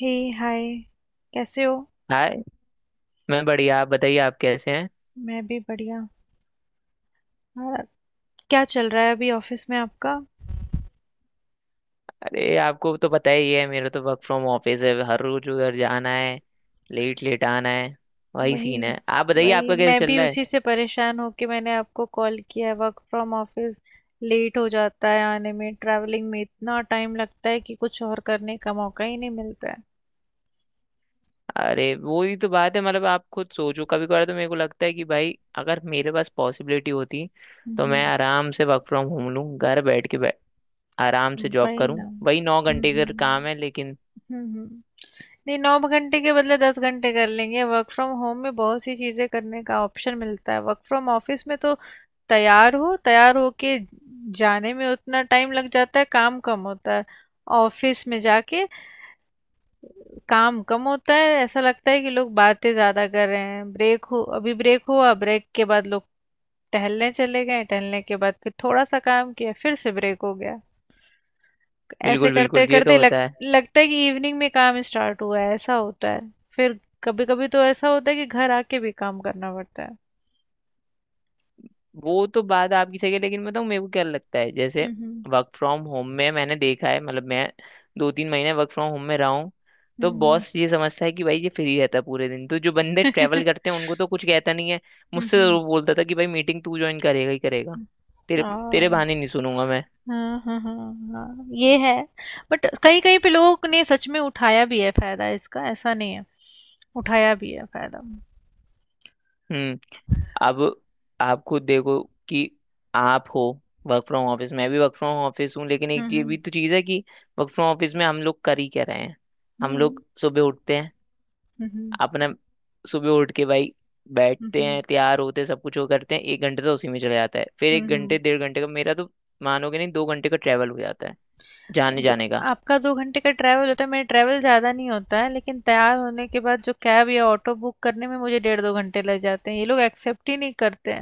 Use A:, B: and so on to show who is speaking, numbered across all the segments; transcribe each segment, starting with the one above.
A: हे। Hi. कैसे हो?
B: Hi. मैं बढ़िया, आप बताइए, आप कैसे हैं?
A: मैं भी बढ़िया। हाँ। क्या चल रहा है अभी ऑफिस में आपका?
B: अरे आपको तो पता ही है, मेरा तो वर्क फ्रॉम ऑफिस है, हर रोज उधर जाना है, लेट लेट आना है। वही
A: वही।
B: सीन है, आप बताइए
A: वही,
B: आपका कैसे
A: मैं
B: चल
A: भी
B: रहा है?
A: उसी से परेशान होके मैंने आपको कॉल किया है। वर्क फ्रॉम ऑफिस लेट हो जाता है, आने में ट्रैवलिंग में इतना टाइम लगता है कि कुछ और करने का मौका ही नहीं मिलता है।
B: अरे वो ही तो बात है। मतलब आप खुद सोचो, कभी कभार तो मेरे को लगता है कि भाई, अगर मेरे पास पॉसिबिलिटी होती तो
A: हम्म।
B: मैं आराम से वर्क फ्रॉम होम लूँ, घर बैठ के आराम से जॉब
A: वही ना।
B: करूँ। वही नौ
A: हम्म।
B: घंटे
A: हम्म।
B: का काम है लेकिन।
A: हम्म। हम्म। नहीं, 9 घंटे के बदले 10 घंटे कर लेंगे, वर्क फ्रॉम होम में बहुत सी चीज़ें करने का ऑप्शन मिलता है। वर्क फ्रॉम ऑफिस में तो तैयार हो, तैयार होके जाने में उतना टाइम लग जाता है, काम कम होता है। ऑफिस में जाके काम कम होता है, ऐसा लगता है कि लोग बातें ज़्यादा कर रहे हैं। ब्रेक हो, अभी ब्रेक हुआ, ब्रेक के बाद लोग टहलने चले गए, टहलने के बाद फिर थोड़ा सा काम किया, फिर से ब्रेक हो गया। ऐसे
B: बिल्कुल
A: करते
B: बिल्कुल, ये तो
A: करते लग
B: होता है।
A: लगता है कि इवनिंग में काम स्टार्ट हुआ है, ऐसा होता है। फिर कभी कभी तो ऐसा होता है कि घर आके भी काम करना पड़ता है।
B: वो तो बात आपकी सही है, लेकिन बताऊँ मेरे को क्या लगता है, जैसे
A: हम्म।
B: वर्क फ्रॉम होम में मैंने देखा है। मतलब मैं दो तीन महीने वर्क फ्रॉम होम में रहा हूँ,
A: हम्म।
B: तो
A: हम्म।
B: बॉस ये समझता है कि भाई ये फ्री रहता है पूरे दिन, तो जो बंदे
A: हम्म।
B: ट्रैवल करते हैं उनको तो कुछ कहता नहीं है, मुझसे
A: हम्म।
B: जरूर बोलता था कि भाई मीटिंग तू ज्वाइन करेगा ही करेगा।
A: हम्म।
B: तेरे तेरे
A: हाँ,
B: बहाने नहीं सुनूंगा मैं।
A: हाँ, हाँ। हाँ, हाँ, ये है। बट कहीं कहीं पे लोगों ने सच में उठाया भी है फायदा इसका, ऐसा नहीं है। उठाया भी है फायदा।
B: हम्म। अब आप खुद देखो कि आप हो वर्क फ्रॉम ऑफिस, मैं भी वर्क फ्रॉम ऑफिस हूँ, लेकिन एक ये
A: हम्म।
B: भी तो चीज़ है कि वर्क फ्रॉम ऑफिस में हम लोग कर ही क्या रहे हैं। हम
A: हम्म।
B: लोग सुबह उठते हैं,
A: हम्म। हम्म।
B: अपने सुबह उठ के भाई बैठते
A: हम्म।
B: हैं, तैयार होते हैं, सब कुछ वो करते हैं, एक घंटे तो उसी में चला जाता है, फिर
A: हम्म।
B: एक
A: हम्म।
B: घंटे डेढ़ घंटे का मेरा तो, मानोगे नहीं, 2 घंटे का ट्रैवल हो जाता है जाने
A: दो,
B: जाने का।
A: आपका 2 घंटे का ट्रैवल होता है, मेरा ट्रैवल ज़्यादा नहीं होता है लेकिन तैयार होने के बाद जो कैब या ऑटो बुक करने में मुझे डेढ़ दो घंटे लग जाते हैं, ये लोग एक्सेप्ट ही नहीं करते।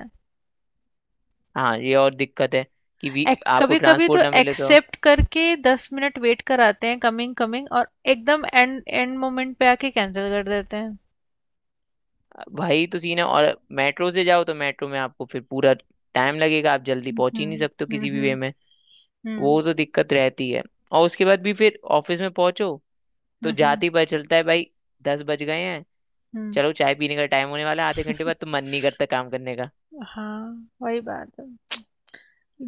B: हाँ ये और दिक्कत है कि भी आपको
A: कभी कभी तो
B: ट्रांसपोर्ट ना मिले तो
A: एक्सेप्ट करके 10 मिनट वेट कराते हैं, कमिंग कमिंग, और एकदम एंड एंड मोमेंट पे आके कैंसिल कर देते हैं।
B: भाई तो सीन है। और मेट्रो से जाओ तो मेट्रो में आपको फिर पूरा टाइम लगेगा, आप जल्दी
A: हम्म।
B: पहुंच ही नहीं सकते हो
A: हम्म।
B: किसी भी वे
A: हम्म।
B: में।
A: हम्म।
B: वो तो दिक्कत रहती है, और उसके बाद भी फिर ऑफिस में पहुंचो तो
A: हम्म।
B: जाते ही पता चलता है भाई 10 बज गए हैं।
A: हम्म।
B: चलो चाय पीने का टाइम होने वाला है आधे घंटे बाद, तो मन नहीं करता काम करने का।
A: हाँ, वही बात है।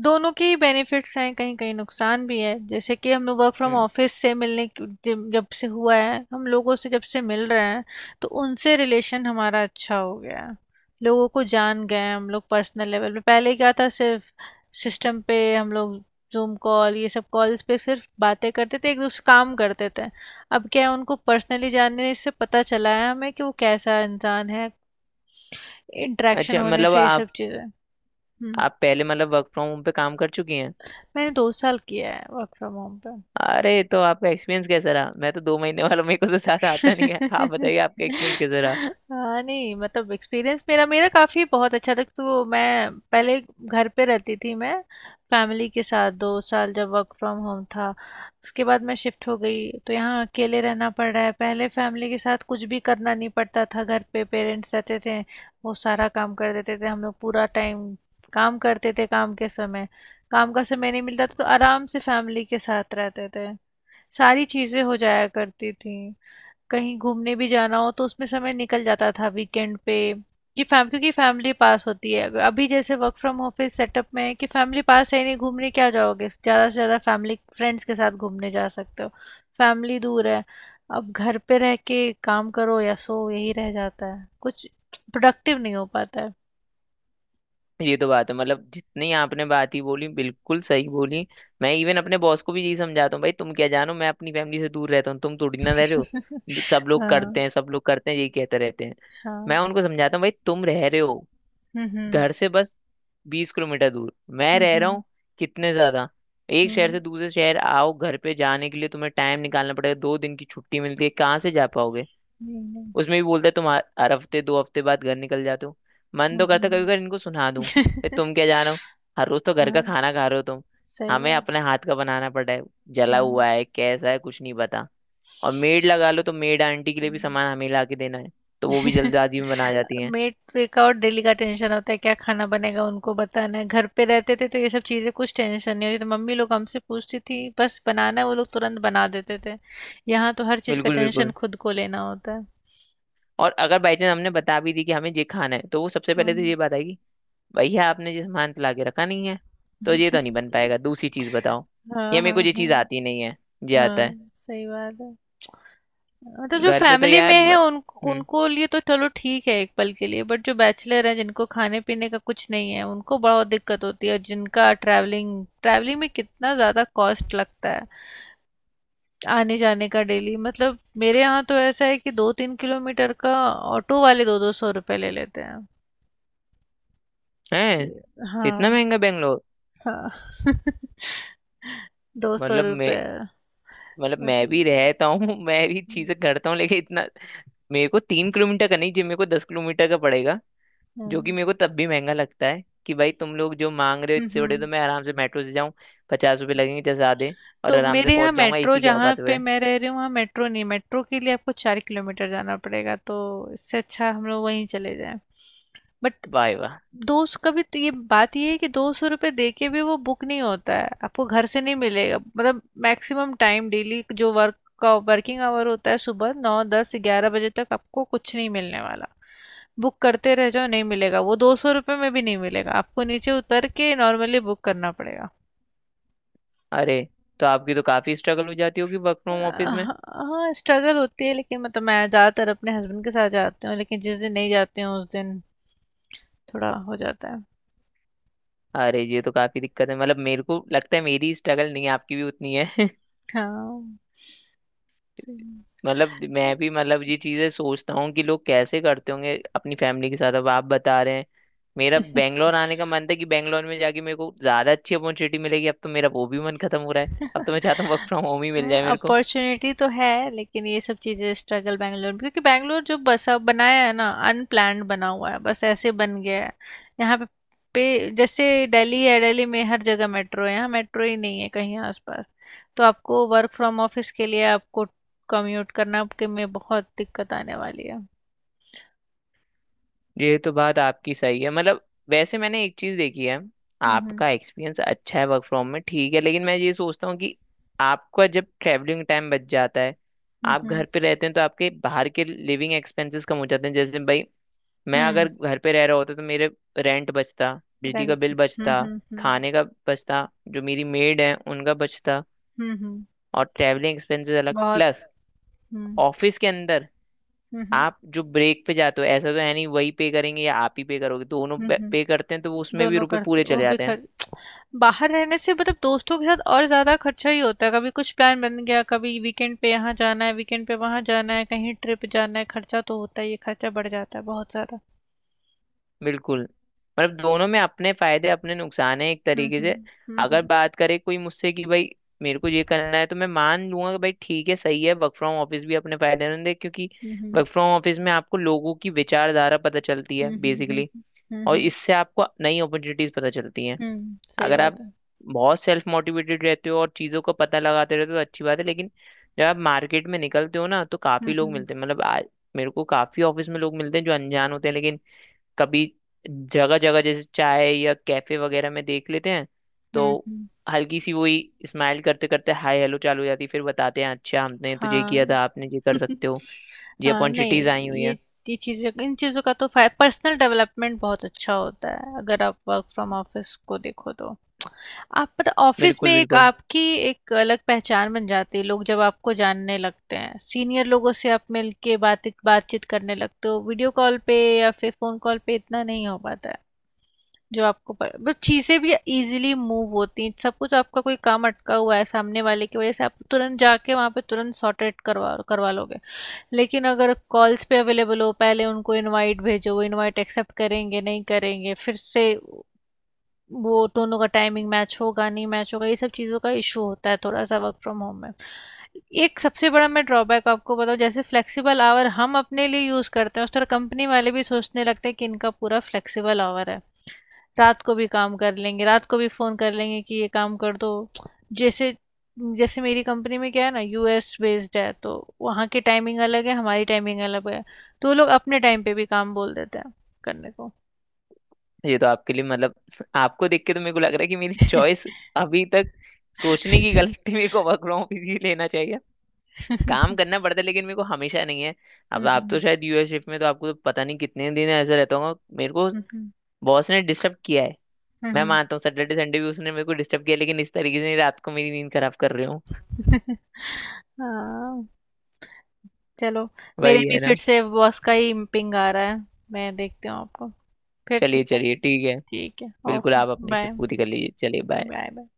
A: दोनों के ही बेनिफिट्स हैं, कहीं कहीं नुकसान भी है। जैसे कि हम लोग वर्क फ्रॉम
B: हम्म।
A: ऑफिस से जब जब से हुआ है, हम लोगों से जब से मिल रहे हैं तो उनसे रिलेशन हमारा अच्छा हो गया है। लोगों को जान गए हैं हम लोग पर्सनल लेवल पे, पहले क्या था, सिर्फ सिस्टम पे हम लोग जूम कॉल, ये सब कॉल्स पे सिर्फ बातें करते थे, एक दूसरे से काम करते थे। अब क्या है, उनको पर्सनली जानने से पता चला है हमें कि वो कैसा इंसान है, इंटरेक्शन
B: अच्छा,
A: होने
B: मतलब
A: से ये
B: आप
A: सब चीज़ें। हम्म।
B: आप पहले मतलब वर्क फ्रॉम होम पे काम कर चुकी हैं।
A: मैंने 2 साल किया है वर्क फ्रॉम होम पे।
B: अरे तो आपका एक्सपीरियंस कैसा रहा? मैं तो 2 महीने वाला, मेरे को तो ज्यादा आता नहीं है। आप बताइए आपका एक्सपीरियंस कैसा रहा?
A: हाँ नहीं, मतलब एक्सपीरियंस मेरा मेरा काफ़ी बहुत अच्छा था। तो मैं पहले घर पे रहती थी, मैं फैमिली के साथ, 2 साल जब वर्क फ्रॉम होम था। उसके बाद मैं शिफ्ट हो गई तो यहाँ अकेले रहना पड़ रहा है। पहले फैमिली के साथ कुछ भी करना नहीं पड़ता था, घर पे पेरेंट्स रहते थे, वो सारा काम कर देते थे, हम लोग पूरा टाइम काम करते थे। काम के समय काम का समय नहीं मिलता था, तो आराम से फैमिली के साथ रहते थे, सारी चीजें हो जाया करती थी। कहीं घूमने भी जाना हो तो उसमें समय निकल जाता था वीकेंड पे, कि फैम क्योंकि फैमिली पास होती है। अभी जैसे वर्क फ्रॉम ऑफिस सेटअप में है कि फैमिली पास है ही नहीं, घूमने क्या जाओगे, ज़्यादा से ज़्यादा फैमिली फ्रेंड्स के साथ घूमने जा सकते हो। फैमिली दूर है, अब घर पे रह के काम करो या सो, यही रह जाता है, कुछ प्रोडक्टिव नहीं हो पाता है।
B: ये तो बात है। मतलब जितनी आपने बात ही बोली बिल्कुल सही बोली। मैं इवन अपने बॉस को भी यही समझाता हूँ, भाई तुम क्या जानो, मैं अपनी फैमिली से दूर रहता हूँ, तुम थोड़ी ना रह रहे हो, सब लोग करते
A: हाँ।
B: हैं सब लोग करते हैं यही कहते रहते हैं।
A: हाँ।
B: मैं उनको समझाता हूँ भाई तुम रह रहे हो
A: हम्म। हम्म।
B: घर से बस 20 किलोमीटर दूर, मैं
A: हम्म।
B: रह रहा
A: हम्म।
B: हूँ कितने ज्यादा, एक शहर
A: हम्म,
B: से दूसरे शहर। आओ घर पे जाने के लिए तुम्हें टाइम निकालना पड़ेगा, 2 दिन की छुट्टी मिलती है कहाँ से जा पाओगे।
A: नहीं, नहीं।
B: उसमें भी बोलते हैं तुम हर हर हफ्ते 2 हफ्ते बाद घर निकल जाते हो। मन तो करता कभी
A: हम्म।
B: कभी इनको सुना दूं, भाई
A: हम्म।
B: तुम क्या जानो, हर रोज तो घर का
A: हाँ,
B: खाना खा रहे हो तुम।
A: सही
B: हमें
A: बात।
B: अपने हाथ का बनाना पड़ा है, जला
A: हम्म,
B: हुआ है कैसा है कुछ नहीं पता। और मेड लगा लो तो मेड आंटी के लिए भी
A: हम्म।
B: सामान हमें ला के देना है, तो वो भी जल्दबाजी में बना जाती है।
A: मेड का और डेली का टेंशन होता है, क्या खाना बनेगा उनको बताना है। घर पे रहते थे तो ये सब चीज़ें कुछ टेंशन नहीं होती, तो मम्मी लोग हमसे पूछती थी, बस बनाना है, वो लोग तुरंत बना देते थे। यहाँ तो हर चीज़ का
B: बिल्कुल
A: टेंशन
B: बिल्कुल।
A: खुद को लेना होता है।
B: और अगर बाई चांस हमने बता भी दी कि हमें ये खाना है, तो वो सबसे पहले तो
A: हम्म।
B: ये बात आएगी, भैया आपने ये सामान तो लाके रखा नहीं है तो ये तो नहीं बन पाएगा, दूसरी चीज बताओ,
A: हाँ,
B: या मेरे को
A: हाँ,
B: ये
A: हाँ।
B: चीज आती नहीं है, ये आता है।
A: हाँ, सही बात है। हाँ, तो जो
B: घर पे तो
A: फैमिली में
B: यार
A: है उन
B: हम्म।
A: उनको लिए तो चलो ठीक है एक पल के लिए, बट जो बैचलर है जिनको खाने पीने का कुछ नहीं है, उनको बहुत दिक्कत होती है। और जिनका ट्रैवलिंग ट्रैवलिंग में कितना ज़्यादा कॉस्ट लगता है आने जाने का डेली, मतलब मेरे यहाँ तो ऐसा है कि 2-3 किलोमीटर का ऑटो वाले दो दो सौ रुपये ले लेते हैं।
B: है इतना
A: हाँ।
B: महंगा बेंगलोर?
A: हाँ। दो सौ
B: मतलब मैं
A: रुपये
B: मतलब मैं भी
A: मतलब।
B: रहता हूँ मैं भी
A: हम्म।
B: चीजें करता हूँ, लेकिन इतना मेरे को 3 किलोमीटर का नहीं, जो मेरे को 10 किलोमीटर का पड़ेगा, जो कि मेरे को तब भी महंगा लगता है कि भाई तुम लोग जो मांग रहे हो
A: हम्म।
B: इससे बड़े तो
A: हम्म।
B: मैं आराम से मेट्रो से जाऊं, 50 रुपये लगेंगे जैसे, आधे, और
A: तो
B: आराम से
A: मेरे यहाँ
B: पहुंच जाऊंगा,
A: मेट्रो,
B: इसी के
A: जहाँ
B: औकात
A: पे
B: हुए।
A: मैं रह रही हूँ वहाँ मेट्रो नहीं, मेट्रो के लिए आपको 4 किलोमीटर जाना पड़ेगा, तो इससे अच्छा हम लोग वहीं चले जाएं। बट
B: वाह वाह,
A: 200 का भी, तो ये बात ये है कि ₹200 दे के भी वो बुक नहीं होता है, आपको घर से नहीं मिलेगा, मतलब मैक्सिमम टाइम डेली जो वर्क का वर्किंग आवर होता है, सुबह नौ दस ग्यारह बजे तक आपको कुछ नहीं मिलने वाला। बुक करते रह जाओ नहीं मिलेगा, वो ₹200 में भी नहीं मिलेगा। आपको नीचे उतर के नॉर्मली बुक करना पड़ेगा।
B: अरे तो आपकी तो काफी स्ट्रगल हो जाती होगी वर्क फ्रॉम ऑफिस में।
A: हाँ, स्ट्रगल होती है लेकिन मतलब मैं ज़्यादातर अपने हस्बैंड के साथ जाती हूँ लेकिन जिस दिन नहीं जाती हूँ उस दिन थोड़ा हो जाता है।
B: अरे ये तो काफी दिक्कत है, मतलब मेरे को लगता है मेरी स्ट्रगल नहीं है, आपकी भी उतनी है।
A: हाँ। जी।
B: मतलब मैं भी, मतलब ये चीजें सोचता हूँ कि लोग कैसे करते होंगे अपनी फैमिली के साथ, अब आप बता रहे हैं। मेरा बैंगलोर आने का मन था कि बैंगलोर में जाके मेरे को ज्यादा अच्छी अपॉर्चुनिटी मिलेगी, अब तो मेरा वो भी मन खत्म हो रहा है। अब तो मैं चाहता हूँ वर्क फ्रॉम होम ही मिल जाए
A: हाँ,
B: मेरे को।
A: अपॉर्चुनिटी तो है लेकिन ये सब चीज़ें स्ट्रगल बैंगलोर में, क्योंकि बैंगलोर जो बसा बनाया है ना, अनप्लान्ड बना हुआ है, बस ऐसे बन गया है। यहाँ पे पे, जैसे दिल्ली है, दिल्ली में हर जगह मेट्रो है, यहाँ मेट्रो ही नहीं है कहीं आसपास। तो आपको वर्क फ्रॉम ऑफिस के लिए आपको कम्यूट करना, आपके में बहुत दिक्कत आने वाली है।
B: ये तो बात आपकी सही है। मतलब वैसे मैंने एक चीज देखी है,
A: हम्म।
B: आपका एक्सपीरियंस अच्छा है वर्क फ्रॉम में, ठीक है, लेकिन मैं ये सोचता हूँ कि आपका जब ट्रैवलिंग टाइम बच जाता है,
A: हम्म।
B: आप
A: हम्म।
B: घर पे रहते हैं, तो आपके बाहर के लिविंग एक्सपेंसेस कम हो जाते हैं, जैसे भाई मैं अगर
A: हम्म।
B: घर पे रह रहा होता तो मेरे रेंट बचता, बिजली का
A: रेंट।
B: बिल
A: हम्म।
B: बचता,
A: हम्म। हम्म।
B: खाने का बचता, जो मेरी मेड है उनका बचता,
A: हम्म।
B: और ट्रैवलिंग एक्सपेंसेस अलग,
A: बहुत।
B: प्लस
A: हम्म।
B: ऑफिस के अंदर
A: हम्म।
B: आप जो ब्रेक पे जाते हो, ऐसा तो है नहीं वही पे करेंगे या आप ही पे करोगे, दोनों
A: हम्म।
B: पे
A: हम्म।
B: करते हैं तो वो उसमें भी
A: दोनों
B: रुपए
A: करते,
B: पूरे
A: वो
B: चले
A: भी
B: जाते हैं।
A: खर्च। बाहर रहने से मतलब दोस्तों के साथ और ज़्यादा खर्चा ही होता है, कभी कुछ प्लान बन गया, कभी वीकेंड पे यहाँ जाना है, वीकेंड पे वहाँ जाना है, कहीं ट्रिप जाना है, खर्चा तो होता ही है, खर्चा बढ़ जाता है बहुत ज़्यादा।
B: बिल्कुल। मतलब दोनों में अपने फायदे अपने नुकसान है एक
A: हम्म।
B: तरीके से।
A: हम्म।
B: अगर
A: हम्म।
B: बात करे कोई मुझसे कि भाई मेरे को ये करना है, तो मैं मान लूंगा कि भाई ठीक है, सही है, वर्क फ्रॉम ऑफिस भी अपने फायदेमंद है, क्योंकि
A: हम्म।
B: वर्क फ्रॉम ऑफिस में आपको लोगों की विचारधारा पता चलती है
A: हम्म। हम्म। हम्म।
B: बेसिकली,
A: हम्म।
B: और
A: हम्म।
B: इससे आपको नई अपॉर्चुनिटीज पता चलती हैं।
A: सही
B: अगर आप
A: बात है।
B: बहुत सेल्फ मोटिवेटेड रहते हो और चीज़ों का पता लगाते रहते हो तो अच्छी बात है, लेकिन जब आप मार्केट में निकलते हो ना तो काफ़ी
A: हम्म।
B: लोग
A: हम्म।
B: मिलते हैं। मतलब आज मेरे को काफ़ी ऑफिस में लोग मिलते हैं जो अनजान होते हैं, लेकिन कभी जगह जगह जैसे चाय या कैफे वगैरह में देख लेते हैं
A: हम्म।
B: तो हल्की सी वही स्माइल करते करते हाय हेलो चालू हो जाती है, फिर बताते हैं अच्छा हमने तुझे किया
A: हाँ।
B: था आपने ये कर सकते हो, ये
A: हाँ नहीं,
B: अपॉर्चुनिटीज आई हुई हैं।
A: ये ये चीज़ें, इन चीज़ों का तो पर्सनल डेवलपमेंट बहुत अच्छा होता है अगर आप वर्क फ्रॉम ऑफिस को देखो तो, आप पता ऑफिस में
B: बिल्कुल
A: एक
B: बिल्कुल।
A: आपकी एक अलग पहचान बन जाती है। लोग जब आपको जानने लगते हैं, सीनियर लोगों से आप मिलके बातचीत बातचीत करने लगते हो, वीडियो कॉल पे या फिर फोन कॉल पे इतना नहीं हो पाता है जो आपको पर, बट चीज़ें भी इजीली मूव होती हैं, सब कुछ आपका कोई काम अटका हुआ है सामने वाले की वजह से आप तुरंत जाके वहाँ पे तुरंत सॉर्ट आउट करवा करवा लोगे। लेकिन अगर कॉल्स पे अवेलेबल हो, पहले उनको इनवाइट भेजो, वो इनवाइट एक्सेप्ट करेंगे नहीं करेंगे, फिर से वो दोनों का टाइमिंग मैच होगा नहीं मैच होगा, ये सब चीज़ों का इशू होता है थोड़ा सा वर्क फ्रॉम होम में। एक सबसे बड़ा मैं ड्रॉबैक आपको बताऊँ, जैसे फ्लेक्सिबल आवर हम अपने लिए यूज़ करते हैं उस तरह कंपनी वाले भी सोचने लगते हैं कि इनका पूरा फ्लेक्सिबल आवर है, रात को भी काम कर लेंगे, रात को भी फ़ोन कर लेंगे कि ये काम कर दो। जैसे जैसे मेरी कंपनी में क्या है ना, यूएस बेस्ड है, तो वहाँ की टाइमिंग अलग है, हमारी टाइमिंग अलग है, तो वो लोग अपने टाइम पे भी काम बोल देते हैं करने को।
B: ये तो आपके लिए मतलब आपको देख के तो मेरे को लग रहा है कि मेरी चॉइस अभी तक सोचने की गलती, मेरे को वर्क फ्रॉम ऑफिस ही लेना चाहिए। काम करना पड़ता है लेकिन मेरे को हमेशा नहीं है।
A: हुँ,
B: अब आप तो
A: हुँ।
B: शायद यूएस शिफ्ट में, तो आपको तो पता नहीं कितने दिन ऐसा रहता होगा मेरे को
A: हुँ, हुँ।
B: बॉस ने डिस्टर्ब किया है।
A: हुँ,
B: मैं
A: हुँ।
B: मानता हूँ सैटरडे संडे भी उसने मेरे को डिस्टर्ब किया, लेकिन इस तरीके से नहीं, रात को मेरी नींद खराब कर रहे हो।
A: हाँ, चलो। मेरे
B: वही
A: भी
B: है
A: फिर
B: ना।
A: से बॉस का ही पिंग आ रहा है। मैं देखती हूँ आपको। फिर ठीक
B: चलिए
A: है?
B: चलिए ठीक है।
A: ठीक है।
B: बिल्कुल
A: ओके,
B: आप अपनी
A: बाय।
B: शिफ्ट पूरी कर लीजिए, चलिए बाय।
A: Bye, bye.